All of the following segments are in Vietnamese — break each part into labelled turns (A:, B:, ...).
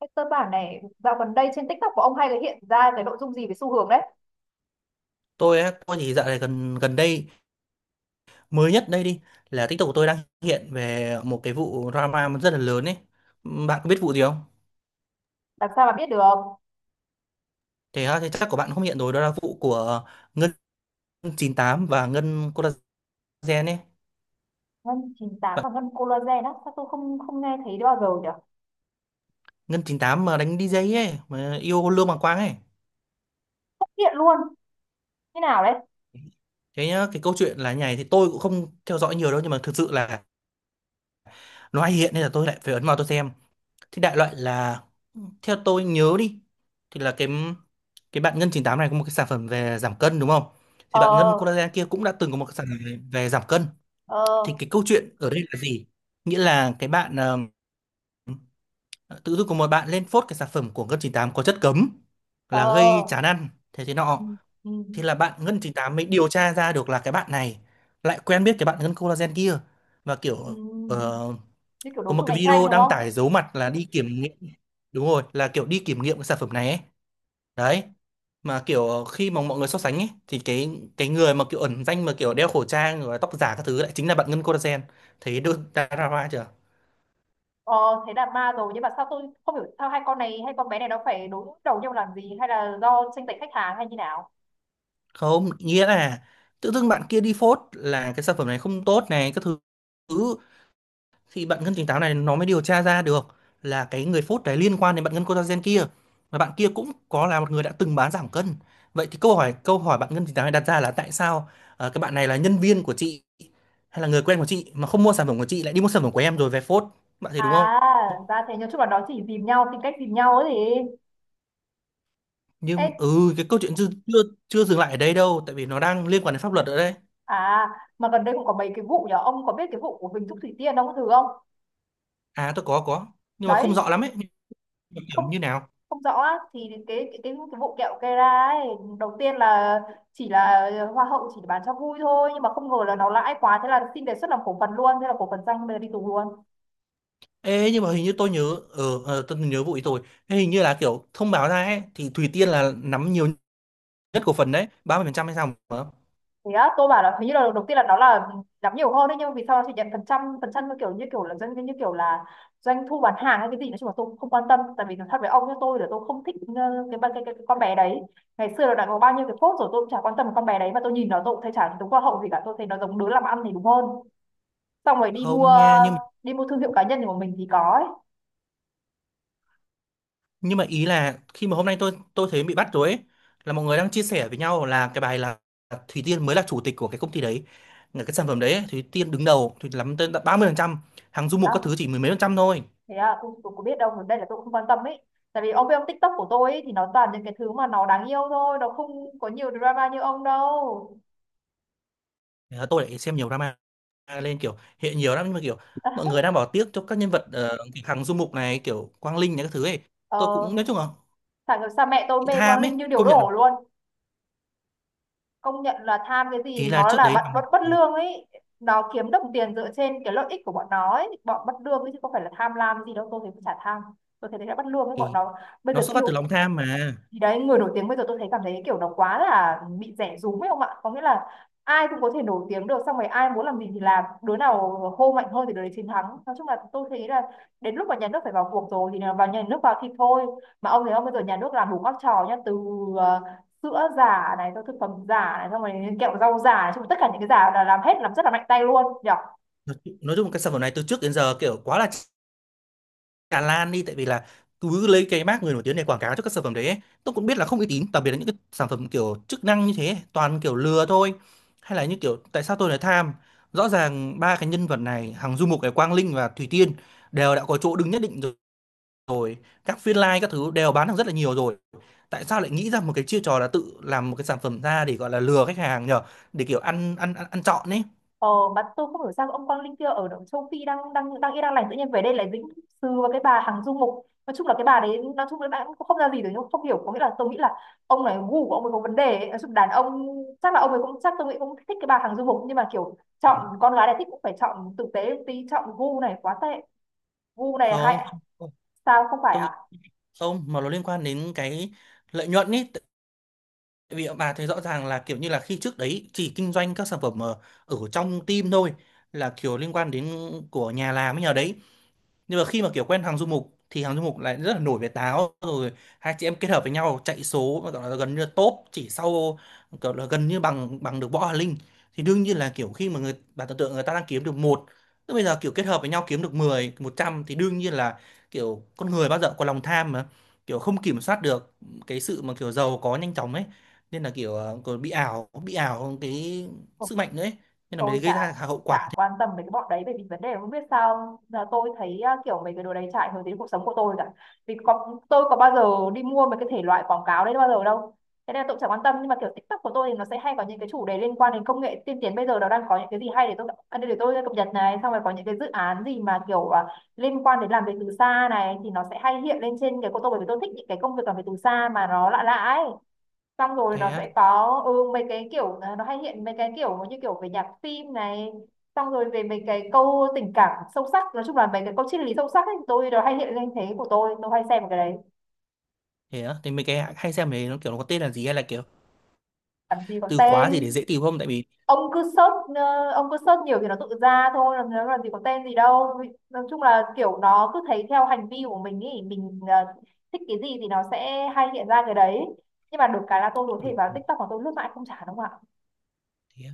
A: Cái cơ bản này dạo gần đây trên TikTok của ông hay là hiện ra cái nội dung gì về xu hướng đấy?
B: Tôi thì dạo này gần gần đây mới nhất đây đi, là TikTok của tôi đang hiện về một cái vụ drama rất là lớn ấy. Bạn có biết vụ gì không?
A: Làm sao mà biết được.
B: Thế á, thì chắc của bạn không hiện rồi. Đó là vụ của Ngân 98 và Ngân Collagen ấy.
A: Ngân 98 và ngân Collagen á? Sao tôi không không nghe thấy bao giờ nhỉ?
B: Ngân 98 mà đánh đi DJ ấy, mà yêu Lương Bằng Quang ấy.
A: Không hiện luôn. Như nào đấy?
B: Thế nhá, cái câu chuyện là như này, thì tôi cũng không theo dõi nhiều đâu, nhưng mà thực sự là nó hay hiện nên là tôi lại phải ấn vào tôi xem. Thì đại loại là theo tôi nhớ đi, thì là cái bạn Ngân chín tám này có một cái sản phẩm về giảm cân đúng không? Thì bạn Ngân
A: Ờ.
B: Collagen kia cũng đã từng có một cái sản phẩm về giảm cân. Thì
A: Ờ.
B: cái câu chuyện ở đây là gì? Nghĩa là cái bạn tự dưng có một bạn lên phốt cái sản phẩm của Ngân chín tám có chất cấm, là gây
A: Ờ.
B: chán ăn thế thế nọ.
A: Ừ, ừ,
B: Thì là bạn Ngân chín tám mới điều tra ra được là cái bạn này lại quen biết cái bạn Ngân Collagen kia, và
A: ừ.
B: kiểu ờ,
A: Như kiểu
B: có
A: đối
B: một
A: thủ
B: cái
A: cạnh tranh
B: video
A: đúng
B: đăng
A: không?
B: tải giấu mặt là đi kiểm nghiệm. Đúng rồi, là kiểu đi kiểm nghiệm cái sản phẩm này ấy. Đấy, mà kiểu khi mà mọi người so sánh ấy thì cái người mà kiểu ẩn danh, mà kiểu đeo khẩu trang rồi tóc giả các thứ, lại chính là bạn Ngân Collagen. Thấy được drama chưa?
A: Ờ, thế là ma rồi, nhưng mà sao tôi không hiểu sao hai con này hay con bé này nó phải đối đầu nhau làm gì, hay là do tranh giành khách hàng hay như nào?
B: Không, nghĩa là tự dưng bạn kia đi phốt là cái sản phẩm này không tốt này các thứ, thì bạn ngân tính táo này nó mới điều tra ra được là cái người phốt đấy liên quan đến bạn ngân collagen kia, và bạn kia cũng có là một người đã từng bán giảm cân. Vậy thì câu hỏi bạn ngân tính táo này đặt ra là tại sao cái bạn này là nhân viên của chị hay là người quen của chị, mà không mua sản phẩm của chị lại đi mua sản phẩm của em rồi về phốt. Bạn thấy đúng không?
A: À ra thế, nói chung là nó chỉ dìm nhau, tìm cách dìm nhau ấy gì. Ê.
B: Nhưng cái câu chuyện chưa chưa chưa dừng lại ở đây đâu, tại vì nó đang liên quan đến pháp luật ở đây.
A: À, mà gần đây cũng có mấy cái vụ nhở, ông có biết cái vụ của Huỳnh Thúc Thủy Tiên ông có thử không?
B: À tôi có, nhưng mà không
A: Đấy,
B: rõ lắm ấy. Nhưng mà kiểu
A: không
B: như nào.
A: không rõ á, thì cái vụ kẹo cây ra ấy, đầu tiên là chỉ là hoa hậu chỉ bán cho vui thôi, nhưng mà không ngờ là nó lãi quá, thế là xin đề xuất làm cổ phần luôn, thế là cổ phần danh bây giờ đi tù luôn.
B: Ê, nhưng mà hình như tôi nhớ, tôi nhớ vụ ý tôi. Thế hình như là kiểu thông báo ra ấy, thì Thủy Tiên là nắm nhiều nhất cổ phần đấy, 30% hay sao mà
A: Thế á? Tôi bảo là hình như là đầu tiên là nó là làm nhiều hơn đấy, nhưng mà vì sao nó chỉ nhận phần trăm như kiểu là doanh thu bán hàng hay cái gì, nói chung là tôi cũng không quan tâm, tại vì nói thật với ông, như tôi là tôi không thích cái, ba- cái con bé đấy ngày xưa nó đã có bao nhiêu cái phốt rồi, tôi cũng chả quan tâm con bé đấy, mà tôi nhìn nó tôi cũng thấy chả đúng hoa hậu gì cả, tôi thấy nó giống đứa làm ăn thì đúng hơn, xong rồi đi mua
B: không nghe. nhưng
A: đi mua thương hiệu cá nhân của mình thì có ấy.
B: nhưng mà ý là khi mà hôm nay tôi thấy bị bắt rồi ấy, là mọi người đang chia sẻ với nhau là cái bài là Thủy Tiên mới là chủ tịch của cái công ty đấy, là cái sản phẩm đấy ấy, Thủy Tiên đứng đầu thì lắm tới 30%, hàng du mục các thứ
A: Đó.
B: chỉ mười mấy phần trăm thôi.
A: Thế à? Tôi có biết đâu, đây là tôi cũng không quan tâm ấy, tại vì ông biết ông, TikTok của tôi ấy thì nó toàn những cái thứ mà nó đáng yêu thôi, nó không có nhiều drama như ông đâu.
B: Thế là tôi lại xem nhiều drama lên kiểu hệ nhiều lắm, nhưng mà kiểu mọi người đang bỏ tiếc cho các nhân vật kiểu Hằng Du Mục này kiểu Quang Linh này các thứ ấy. Tôi
A: Ờ,
B: cũng nói chung là
A: phải làm, mẹ tôi
B: bị
A: mê Quang
B: tham ấy,
A: Linh như điếu
B: công nhận là
A: đổ luôn. Công nhận là tham cái
B: ý
A: gì,
B: là
A: nó
B: trước
A: là
B: đấy
A: bạn
B: làm,
A: bất bất lương ấy. Nó kiếm đồng tiền dựa trên cái lợi ích của bọn nó ấy, bọn bất lương ấy, chứ không phải là tham lam gì đâu, tôi thấy chả tham. Tôi thấy đấy là bất lương với bọn
B: thì
A: nó. Bây
B: nó
A: giờ
B: xuất phát
A: kêu
B: từ lòng tham mà.
A: thì đấy, người nổi tiếng bây giờ tôi thấy cảm thấy cái kiểu nó quá là bị rẻ rúm ấy không ạ, có nghĩa là ai cũng có thể nổi tiếng được, xong rồi ai muốn làm gì thì làm, đứa nào hô mạnh hơn thì đứa đấy chiến thắng. Nói chung là tôi thấy là đến lúc mà nhà nước phải vào cuộc rồi, thì là vào, nhà nước vào thì thôi. Mà ông thấy không, bây giờ nhà nước làm đủ các trò nhá, từ ờ, sữa giả này, xong thực phẩm giả này, xong rồi kẹo rau giả này, xong rồi tất cả những cái giả là làm hết, làm rất là mạnh tay luôn nhỉ.
B: Nói chung cái sản phẩm này từ trước đến giờ kiểu quá là tràn lan đi, tại vì là cứ lấy cái mác người nổi tiếng để quảng cáo cho các sản phẩm đấy ấy. Tôi cũng biết là không uy tín, đặc biệt là những cái sản phẩm kiểu chức năng như thế ấy, toàn kiểu lừa thôi. Hay là như kiểu tại sao tôi lại tham, rõ ràng ba cái nhân vật này, Hằng Du Mục này, Quang Linh và Thủy Tiên, đều đã có chỗ đứng nhất định rồi. Rồi các phiên live các thứ đều bán được rất là nhiều rồi, tại sao lại nghĩ ra một cái chiêu trò là tự làm một cái sản phẩm ra để gọi là lừa khách hàng nhờ, để kiểu ăn trọn ấy.
A: Ờ, mà tôi không hiểu sao ông Quang Linh kia ở động châu Phi đang đang đang yên đang lành tự nhiên về đây lại dính sừ vào cái bà Hằng Du Mục. Nói chung là cái bà đấy nói chung là bạn cũng không ra gì rồi, nhưng không hiểu, có nghĩa là tôi nghĩ là ông này gu của ông ấy có vấn đề ấy. Nói chung đàn ông chắc là ông ấy cũng, chắc tôi nghĩ cũng thích cái bà Hằng Du Mục, nhưng mà kiểu chọn con gái này, thích cũng phải chọn tử tế một tí, chọn gu này quá tệ. Gu này
B: Không
A: hay
B: không không,
A: sao, không phải
B: tôi nghĩ
A: à?
B: không, mà nó liên quan đến cái lợi nhuận ấy. Tại vì bà thấy rõ ràng là kiểu như là khi trước đấy chỉ kinh doanh các sản phẩm ở trong team thôi, là kiểu liên quan đến của nhà làm ấy nhờ đấy. Nhưng mà khi mà kiểu quen hàng du mục thì hàng du mục lại rất là nổi về táo rồi, hai chị em kết hợp với nhau chạy số mà gọi là gần như là top chỉ sau, kiểu là gần như bằng bằng được Võ Hà Linh. Thì đương nhiên là kiểu khi mà người bạn tưởng tượng người ta đang kiếm được một, tức bây giờ kiểu kết hợp với nhau kiếm được mười một trăm, thì đương nhiên là kiểu con người bao giờ có lòng tham mà, kiểu không kiểm soát được cái sự mà kiểu giàu có nhanh chóng ấy. Nên là kiểu còn bị ảo cái sức mạnh đấy, nên là mới
A: Tôi
B: gây
A: chả
B: ra hậu quả.
A: chả quan tâm về cái bọn đấy, bởi vì vấn đề là không biết sao là tôi thấy kiểu mấy cái đồ đấy chả ảnh hưởng đến cuộc sống của tôi cả, vì có, tôi có bao giờ đi mua mấy cái thể loại quảng cáo đấy bao giờ đâu, thế nên là tôi cũng chả quan tâm. Nhưng mà kiểu TikTok của tôi thì nó sẽ hay có những cái chủ đề liên quan đến công nghệ tiên tiến, bây giờ nó đang có những cái gì hay để tôi cập nhật này, xong rồi có những cái dự án gì mà liên quan đến làm việc từ xa này thì nó sẽ hay hiện lên trên cái của tôi, bởi vì tôi thích những cái công việc làm việc từ xa mà nó lạ lạ ấy, xong rồi
B: thế
A: nó
B: á
A: sẽ có mấy cái nó hay hiện mấy cái kiểu như kiểu về nhạc phim này, xong rồi về mấy cái câu tình cảm sâu sắc, nói chung là mấy cái câu triết lý sâu sắc ấy tôi nó hay hiện lên, thế của tôi hay xem vào cái đấy.
B: Thế á, thì mấy cái hay xem mấy nó kiểu nó có tên là gì hay là kiểu
A: Làm gì có
B: từ khóa gì để
A: tên.
B: dễ tìm không, tại vì
A: Ông cứ search ông cứ search nhiều thì nó tự ra thôi, làm gì có tên gì đâu. Nói chung là kiểu nó cứ thấy theo hành vi của mình, ý mình thích cái gì thì nó sẽ hay hiện ra cái đấy. Nhưng mà được cái là tôi có
B: ừ,
A: thể vào TikTok mà tôi lướt mãi không chán đúng không ạ.
B: thế á.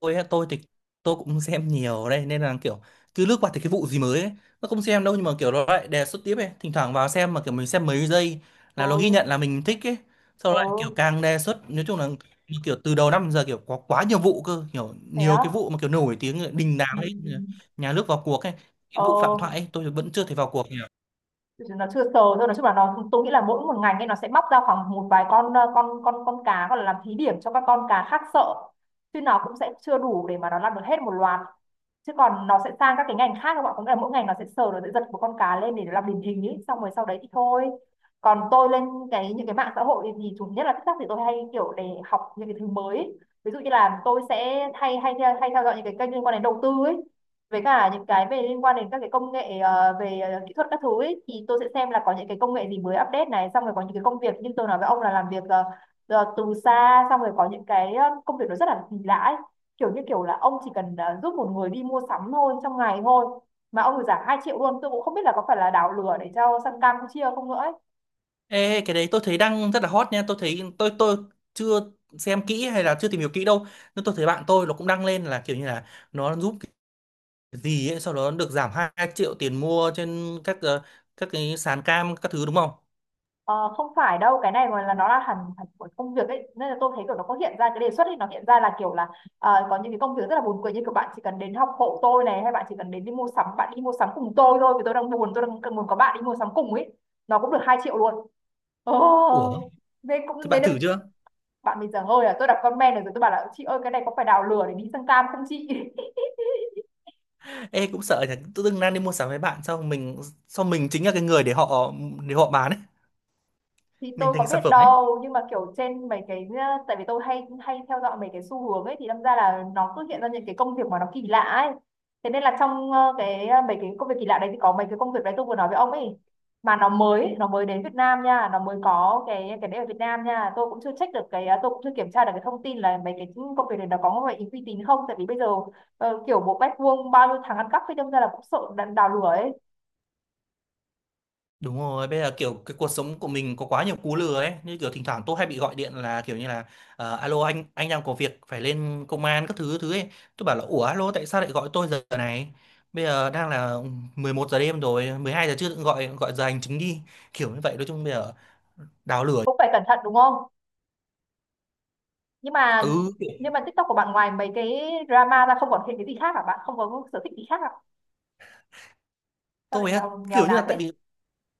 B: Tôi thì tôi cũng xem nhiều ở đây nên là kiểu cứ lướt qua thì cái vụ gì mới ấy, nó không xem đâu, nhưng mà kiểu nó lại đề xuất tiếp ấy, thỉnh thoảng vào xem mà kiểu mình xem mấy giây là nó ghi
A: Ừ.
B: nhận là mình thích ấy, sau đó lại kiểu
A: Ừ.
B: càng đề xuất. Nói chung là kiểu từ đầu năm giờ kiểu có quá nhiều vụ cơ, kiểu
A: Thế
B: nhiều cái
A: đó.
B: vụ mà kiểu nổi tiếng đình đám
A: Ừ.
B: ấy, nhà nước vào cuộc ấy. Cái
A: Ờ.
B: vụ Phạm Thoại ấy, tôi vẫn chưa thấy vào cuộc nhỉ.
A: Nó chưa sờ thôi, nói chung là nó, tôi nghĩ là mỗi một ngành ấy nó sẽ móc ra khoảng một vài con con cá, gọi là làm thí điểm cho các con cá khác sợ, chứ nó cũng sẽ chưa đủ để mà nó làm được hết một loạt, chứ còn nó sẽ sang các cái ngành khác các bạn, cũng là mỗi ngành nó sẽ sờ, nó sẽ giật một con cá lên để nó làm điển hình ấy, xong rồi sau đấy thì thôi. Còn tôi lên cái những cái mạng xã hội thì chủ nhất là TikTok, thì tôi hay kiểu để học những cái thứ mới ấy. Ví dụ như là tôi sẽ hay hay hay theo dõi những cái kênh liên quan đến đầu tư ấy, với cả những cái về liên quan đến các cái công nghệ về kỹ thuật các thứ ấy, thì tôi sẽ xem là có những cái công nghệ gì mới update này, xong rồi có những cái công việc như tôi nói với ông là làm việc từ xa, xong rồi có những cái công việc nó rất là kỳ lạ ấy. Kiểu như kiểu là ông chỉ cần giúp một người đi mua sắm thôi trong ngày thôi, mà ông được giảm 2 triệu luôn, tôi cũng không biết là có phải là đảo lừa để cho sang Campuchia không nữa ấy.
B: Ê, cái đấy tôi thấy đang rất là hot nha. Tôi thấy tôi chưa xem kỹ hay là chưa tìm hiểu kỹ đâu, nhưng tôi thấy bạn tôi nó cũng đăng lên là kiểu như là nó giúp cái gì ấy sau đó nó được giảm 2 triệu tiền mua trên các các cái sàn cam các thứ đúng không.
A: Ờ, không phải đâu, cái này mà là nó là hẳn hẳn của công việc ấy, nên là tôi thấy kiểu nó có hiện ra cái đề xuất ấy, nó hiện ra là kiểu là có những cái công việc rất là buồn cười, như kiểu bạn chỉ cần đến học hộ tôi này, hay bạn chỉ cần đến đi mua sắm, bạn đi mua sắm cùng tôi thôi vì tôi đang buồn, tôi đang cần muốn có bạn đi mua sắm cùng ấy, nó cũng được 2 triệu luôn.
B: Ủa,
A: Ồ, thế cũng
B: thế
A: thế
B: bạn
A: đấy.
B: thử chưa?
A: Bạn mình giảng hơi, là tôi đọc comment rồi, rồi tôi bảo là chị ơi cái này có phải đào lừa để đi sang cam không chị.
B: Ê cũng sợ nhỉ, tự dưng đang đi mua sắm với bạn xong mình, xong mình chính là cái người để họ, để họ bán ấy,
A: Thì
B: mình
A: tôi có
B: thành sản
A: biết
B: phẩm ấy.
A: đâu, nhưng mà kiểu trên mấy cái tại vì tôi hay hay theo dõi mấy cái xu hướng ấy, thì đâm ra là nó cứ hiện ra những cái công việc mà nó kỳ lạ ấy, thế nên là trong cái mấy cái công việc kỳ lạ đấy thì có mấy cái công việc đấy tôi vừa nói với ông ấy, mà nó mới đến Việt Nam nha, nó mới có cái đấy ở Việt Nam nha. Tôi cũng chưa check được cái tôi cũng chưa kiểm tra được cái thông tin là mấy cái công việc này nó có phải uy tín không, tại vì bây giờ kiểu một mét vuông bao nhiêu thằng ăn cắp thì đâm ra là cũng sợ đào lửa ấy,
B: Đúng rồi, bây giờ kiểu cái cuộc sống của mình có quá nhiều cú lừa ấy, như kiểu thỉnh thoảng tôi hay bị gọi điện là kiểu như là alo, anh đang có việc phải lên công an các thứ thứ ấy. Tôi bảo là ủa alo tại sao lại gọi tôi giờ này? Bây giờ đang là 11 giờ đêm rồi, 12 giờ trưa tự gọi, gọi giờ hành chính đi. Kiểu như vậy, nói chung bây giờ đào lửa.
A: cũng phải cẩn thận đúng không. nhưng mà
B: Ừ, kiểu,
A: nhưng mà TikTok của bạn ngoài mấy cái drama ra không còn thêm cái gì khác à, bạn không có sở thích gì khác à, sao lại
B: tôi á
A: nghèo nghèo
B: kiểu như là
A: nàn
B: tại
A: thế?
B: vì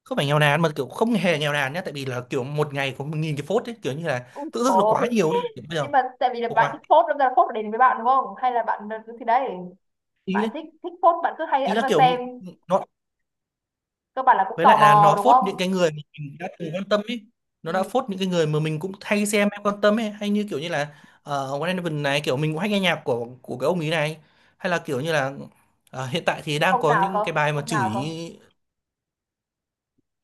B: không phải nghèo nàn, mà kiểu không hề nghèo nàn nhá, tại vì là kiểu một ngày có 1.000 cái phốt ấy, kiểu như là
A: Ui,
B: tự dưng nó quá
A: thôi.
B: nhiều ấy, kiểu bây giờ
A: Nhưng mà tại vì là
B: có
A: bạn thích
B: quá
A: post, đâm ra là post để đến với bạn đúng không, hay là bạn thì đấy, bạn
B: ý,
A: thích thích post, bạn cứ hay
B: ý
A: ấn
B: là
A: vào
B: kiểu
A: xem
B: nó,
A: cơ bản là cũng
B: với
A: tò
B: lại là
A: mò
B: nó
A: đúng
B: phốt những
A: không?
B: cái người mà mình đã từng quan tâm ấy, nó đã phốt những cái người mà mình cũng hay xem hay quan tâm ấy. Hay như kiểu như là uh, One Eleven này, kiểu mình cũng hay nghe nhạc của cái ông ý này. Hay là kiểu như là hiện tại thì đang
A: Ông
B: có
A: nào cơ?
B: những cái bài mà
A: Không nào
B: chửi
A: cơ?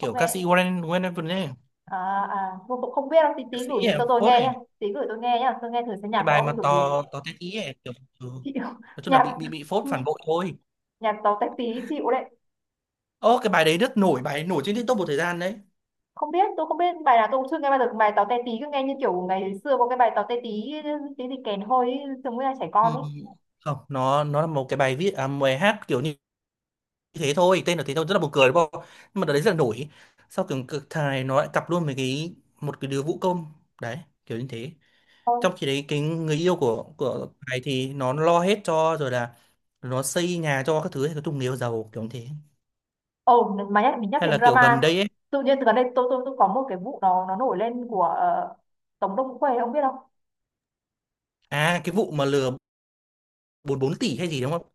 A: Không
B: ca
A: nghe.
B: sĩ One Eleven ấy,
A: À. À, tôi cũng không biết đâu, tí
B: ca
A: tí
B: sĩ
A: gửi
B: ấy,
A: cho tôi
B: phốt
A: nghe
B: này.
A: nhá. Tí gửi tôi nghe nhá, tôi nghe thử xem
B: Cái
A: nhạc của
B: bài mà
A: ông kiểu gì.
B: to to tét ý ấy kiểu ừ.
A: Chịu.
B: Nói chung là
A: Nhạc,
B: bị phốt phản bội thôi.
A: nhạc tàu tách tí chịu đấy.
B: Ô, cái bài đấy rất nổi, bài ấy nổi trên TikTok một thời gian đấy.
A: Không biết, tôi không biết bài nào, tôi cũng chưa nghe bao giờ bài táo te tí, cứ nghe như kiểu ngày xưa có cái bài táo te tí tí gì kèn hôi ấy, giống như là trẻ
B: Ừ.
A: con ấy.
B: Không, nó nó là một cái bài viết à, một bài hát kiểu như thế thôi, tên là thế thôi, rất là buồn cười đúng không, nhưng mà đợt đấy rất là nổi. Sau kiểu cực thài nó lại cặp luôn với cái một cái đứa vũ công đấy, kiểu như thế.
A: Thôi.
B: Trong khi đấy cái người yêu của thầy thì nó lo hết cho rồi, là nó xây nhà cho các thứ, hay có chung người yêu giàu kiểu như thế.
A: Ồ, mà nhắc, mình nhắc
B: Hay
A: đến
B: là kiểu gần
A: drama,
B: đây ấy.
A: tự nhiên từ gần đây tôi có một cái vụ nó nổi lên của Tống Đông Khuê, ông biết không?
B: À cái vụ mà lừa bốn bốn tỷ hay gì đúng không,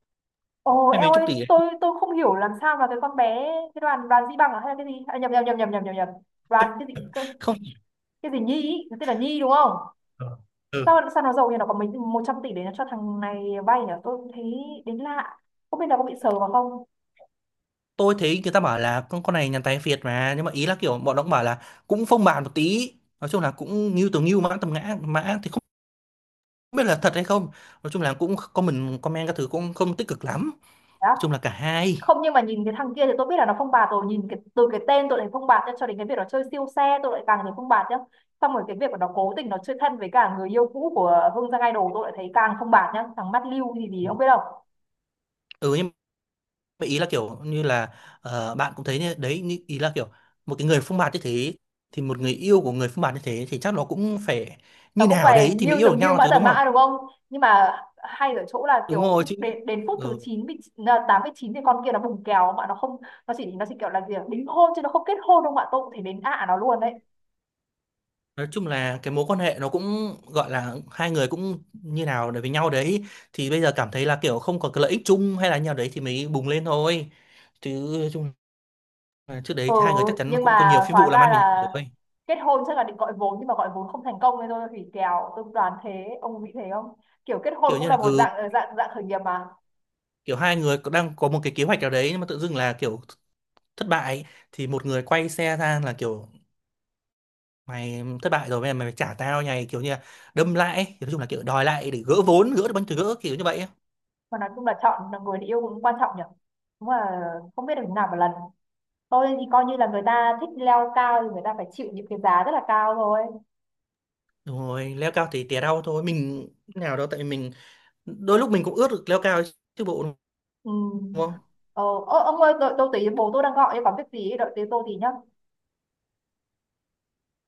A: Ồ
B: hay mấy
A: eo
B: chục
A: ơi,
B: tỷ ấy.
A: tôi không hiểu làm sao mà cái con bé, cái đoàn đoàn Di Bằng à, hay là cái gì à, nhầm nhầm nhầm nhầm nhầm nhầm nhầm, đoàn cái gì,
B: Không.
A: cái gì Nhi ý, nó tên là Nhi đúng không?
B: Ờ. Ừ.
A: Sao sao nó giàu, như nó có mấy 100 tỷ để nó cho thằng này vay nhỉ, tôi thấy đến lạ. Không biết nó có bị sờ vào không.
B: Tôi thấy người ta bảo là con này nhàn tài phiệt mà, nhưng mà ý là kiểu bọn nó cũng bảo là cũng phong bạt một tí, nói chung là cũng ngưu từ ngưu mã tầm ngã mã thì không biết là thật hay không. Nói chung là cũng comment comment các thứ cũng không tích cực lắm, nói chung
A: Đó.
B: là cả hai.
A: Không, nhưng mà nhìn cái thằng kia thì tôi biết là nó phong bạt rồi, nhìn cái, từ cái tên tôi lại phong bạt nhá, cho đến cái việc nó chơi siêu xe tôi lại càng thấy phong bạt nhá, xong rồi cái việc mà nó cố tình nó chơi thân với cả người yêu cũ của Hương Giang Idol tôi lại thấy càng phong bạt nhá, thằng mắt lưu thì gì không biết đâu.
B: Ừ nhưng mà ý là kiểu như là bạn cũng thấy như đấy như, ý là kiểu một cái người phông bạt như thế, thì một người yêu của người phông bạt như thế thì chắc nó cũng phải
A: Nó
B: như
A: cũng
B: nào
A: phải
B: đấy thì mới
A: nghiêu
B: yêu được
A: tầm nghiêu,
B: nhau
A: mã
B: chứ đúng
A: tầm
B: không.
A: mã đúng không. Nhưng mà hay ở chỗ là
B: Đúng rồi
A: kiểu
B: chứ.
A: đến đến phút thứ
B: Ừ.
A: chín, bị là tám với chín, thì con kia nó bùng kèo mà nó không, nó chỉ kiểu là gì ạ, đính hôn chứ nó không kết hôn đâu, mà tôi cũng thể đến ạ nó luôn đấy.
B: Nói chung là cái mối quan hệ nó cũng gọi là hai người cũng như nào để với nhau đấy, thì bây giờ cảm thấy là kiểu không có cái lợi ích chung hay là như nào đấy thì mới bùng lên thôi chứ, nói chung. Và trước đấy
A: Ừ,
B: thì hai người chắc chắn là
A: nhưng
B: cũng có nhiều
A: mà
B: phi
A: hóa
B: vụ làm
A: ra
B: ăn với nhau
A: là
B: rồi.
A: kết hôn chắc là định gọi vốn, nhưng mà gọi vốn không thành công nên thôi hủy kèo, tôi đoán thế, ông nghĩ thế không. Kiểu kết hôn
B: Kiểu
A: cũng
B: như
A: là
B: là
A: một
B: ừ,
A: dạng ờ, dạng dạng khởi nghiệp mà.
B: kiểu hai người có, đang có một cái kế hoạch nào đấy nhưng mà tự dưng là kiểu thất bại, thì một người quay xe ra là kiểu mày thất bại rồi bây giờ mày phải trả tao này, kiểu như là đâm lại ấy. Nói chung là kiểu đòi lại để gỡ vốn, gỡ được bánh từ gỡ kiểu như vậy ấy.
A: Mà nói chung là chọn là người để yêu cũng quan trọng nhỉ, đúng là không biết được thế nào một lần, tôi thì coi như là người ta thích leo cao thì người ta phải chịu những cái giá rất là cao thôi.
B: Rồi leo cao thì tè đau thôi, mình nào đâu tại vì mình đôi lúc mình cũng ước được leo cao chứ bộ đúng
A: Ừ.
B: không?
A: ờ, Ô, ông ơi, tôi tí, bố tôi đang gọi em có việc gì ấy, đợi tí, tôi tí nhá.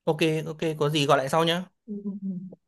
B: Ok, ok có gì gọi lại sau nhá.
A: Ừ. Ừ, ừ.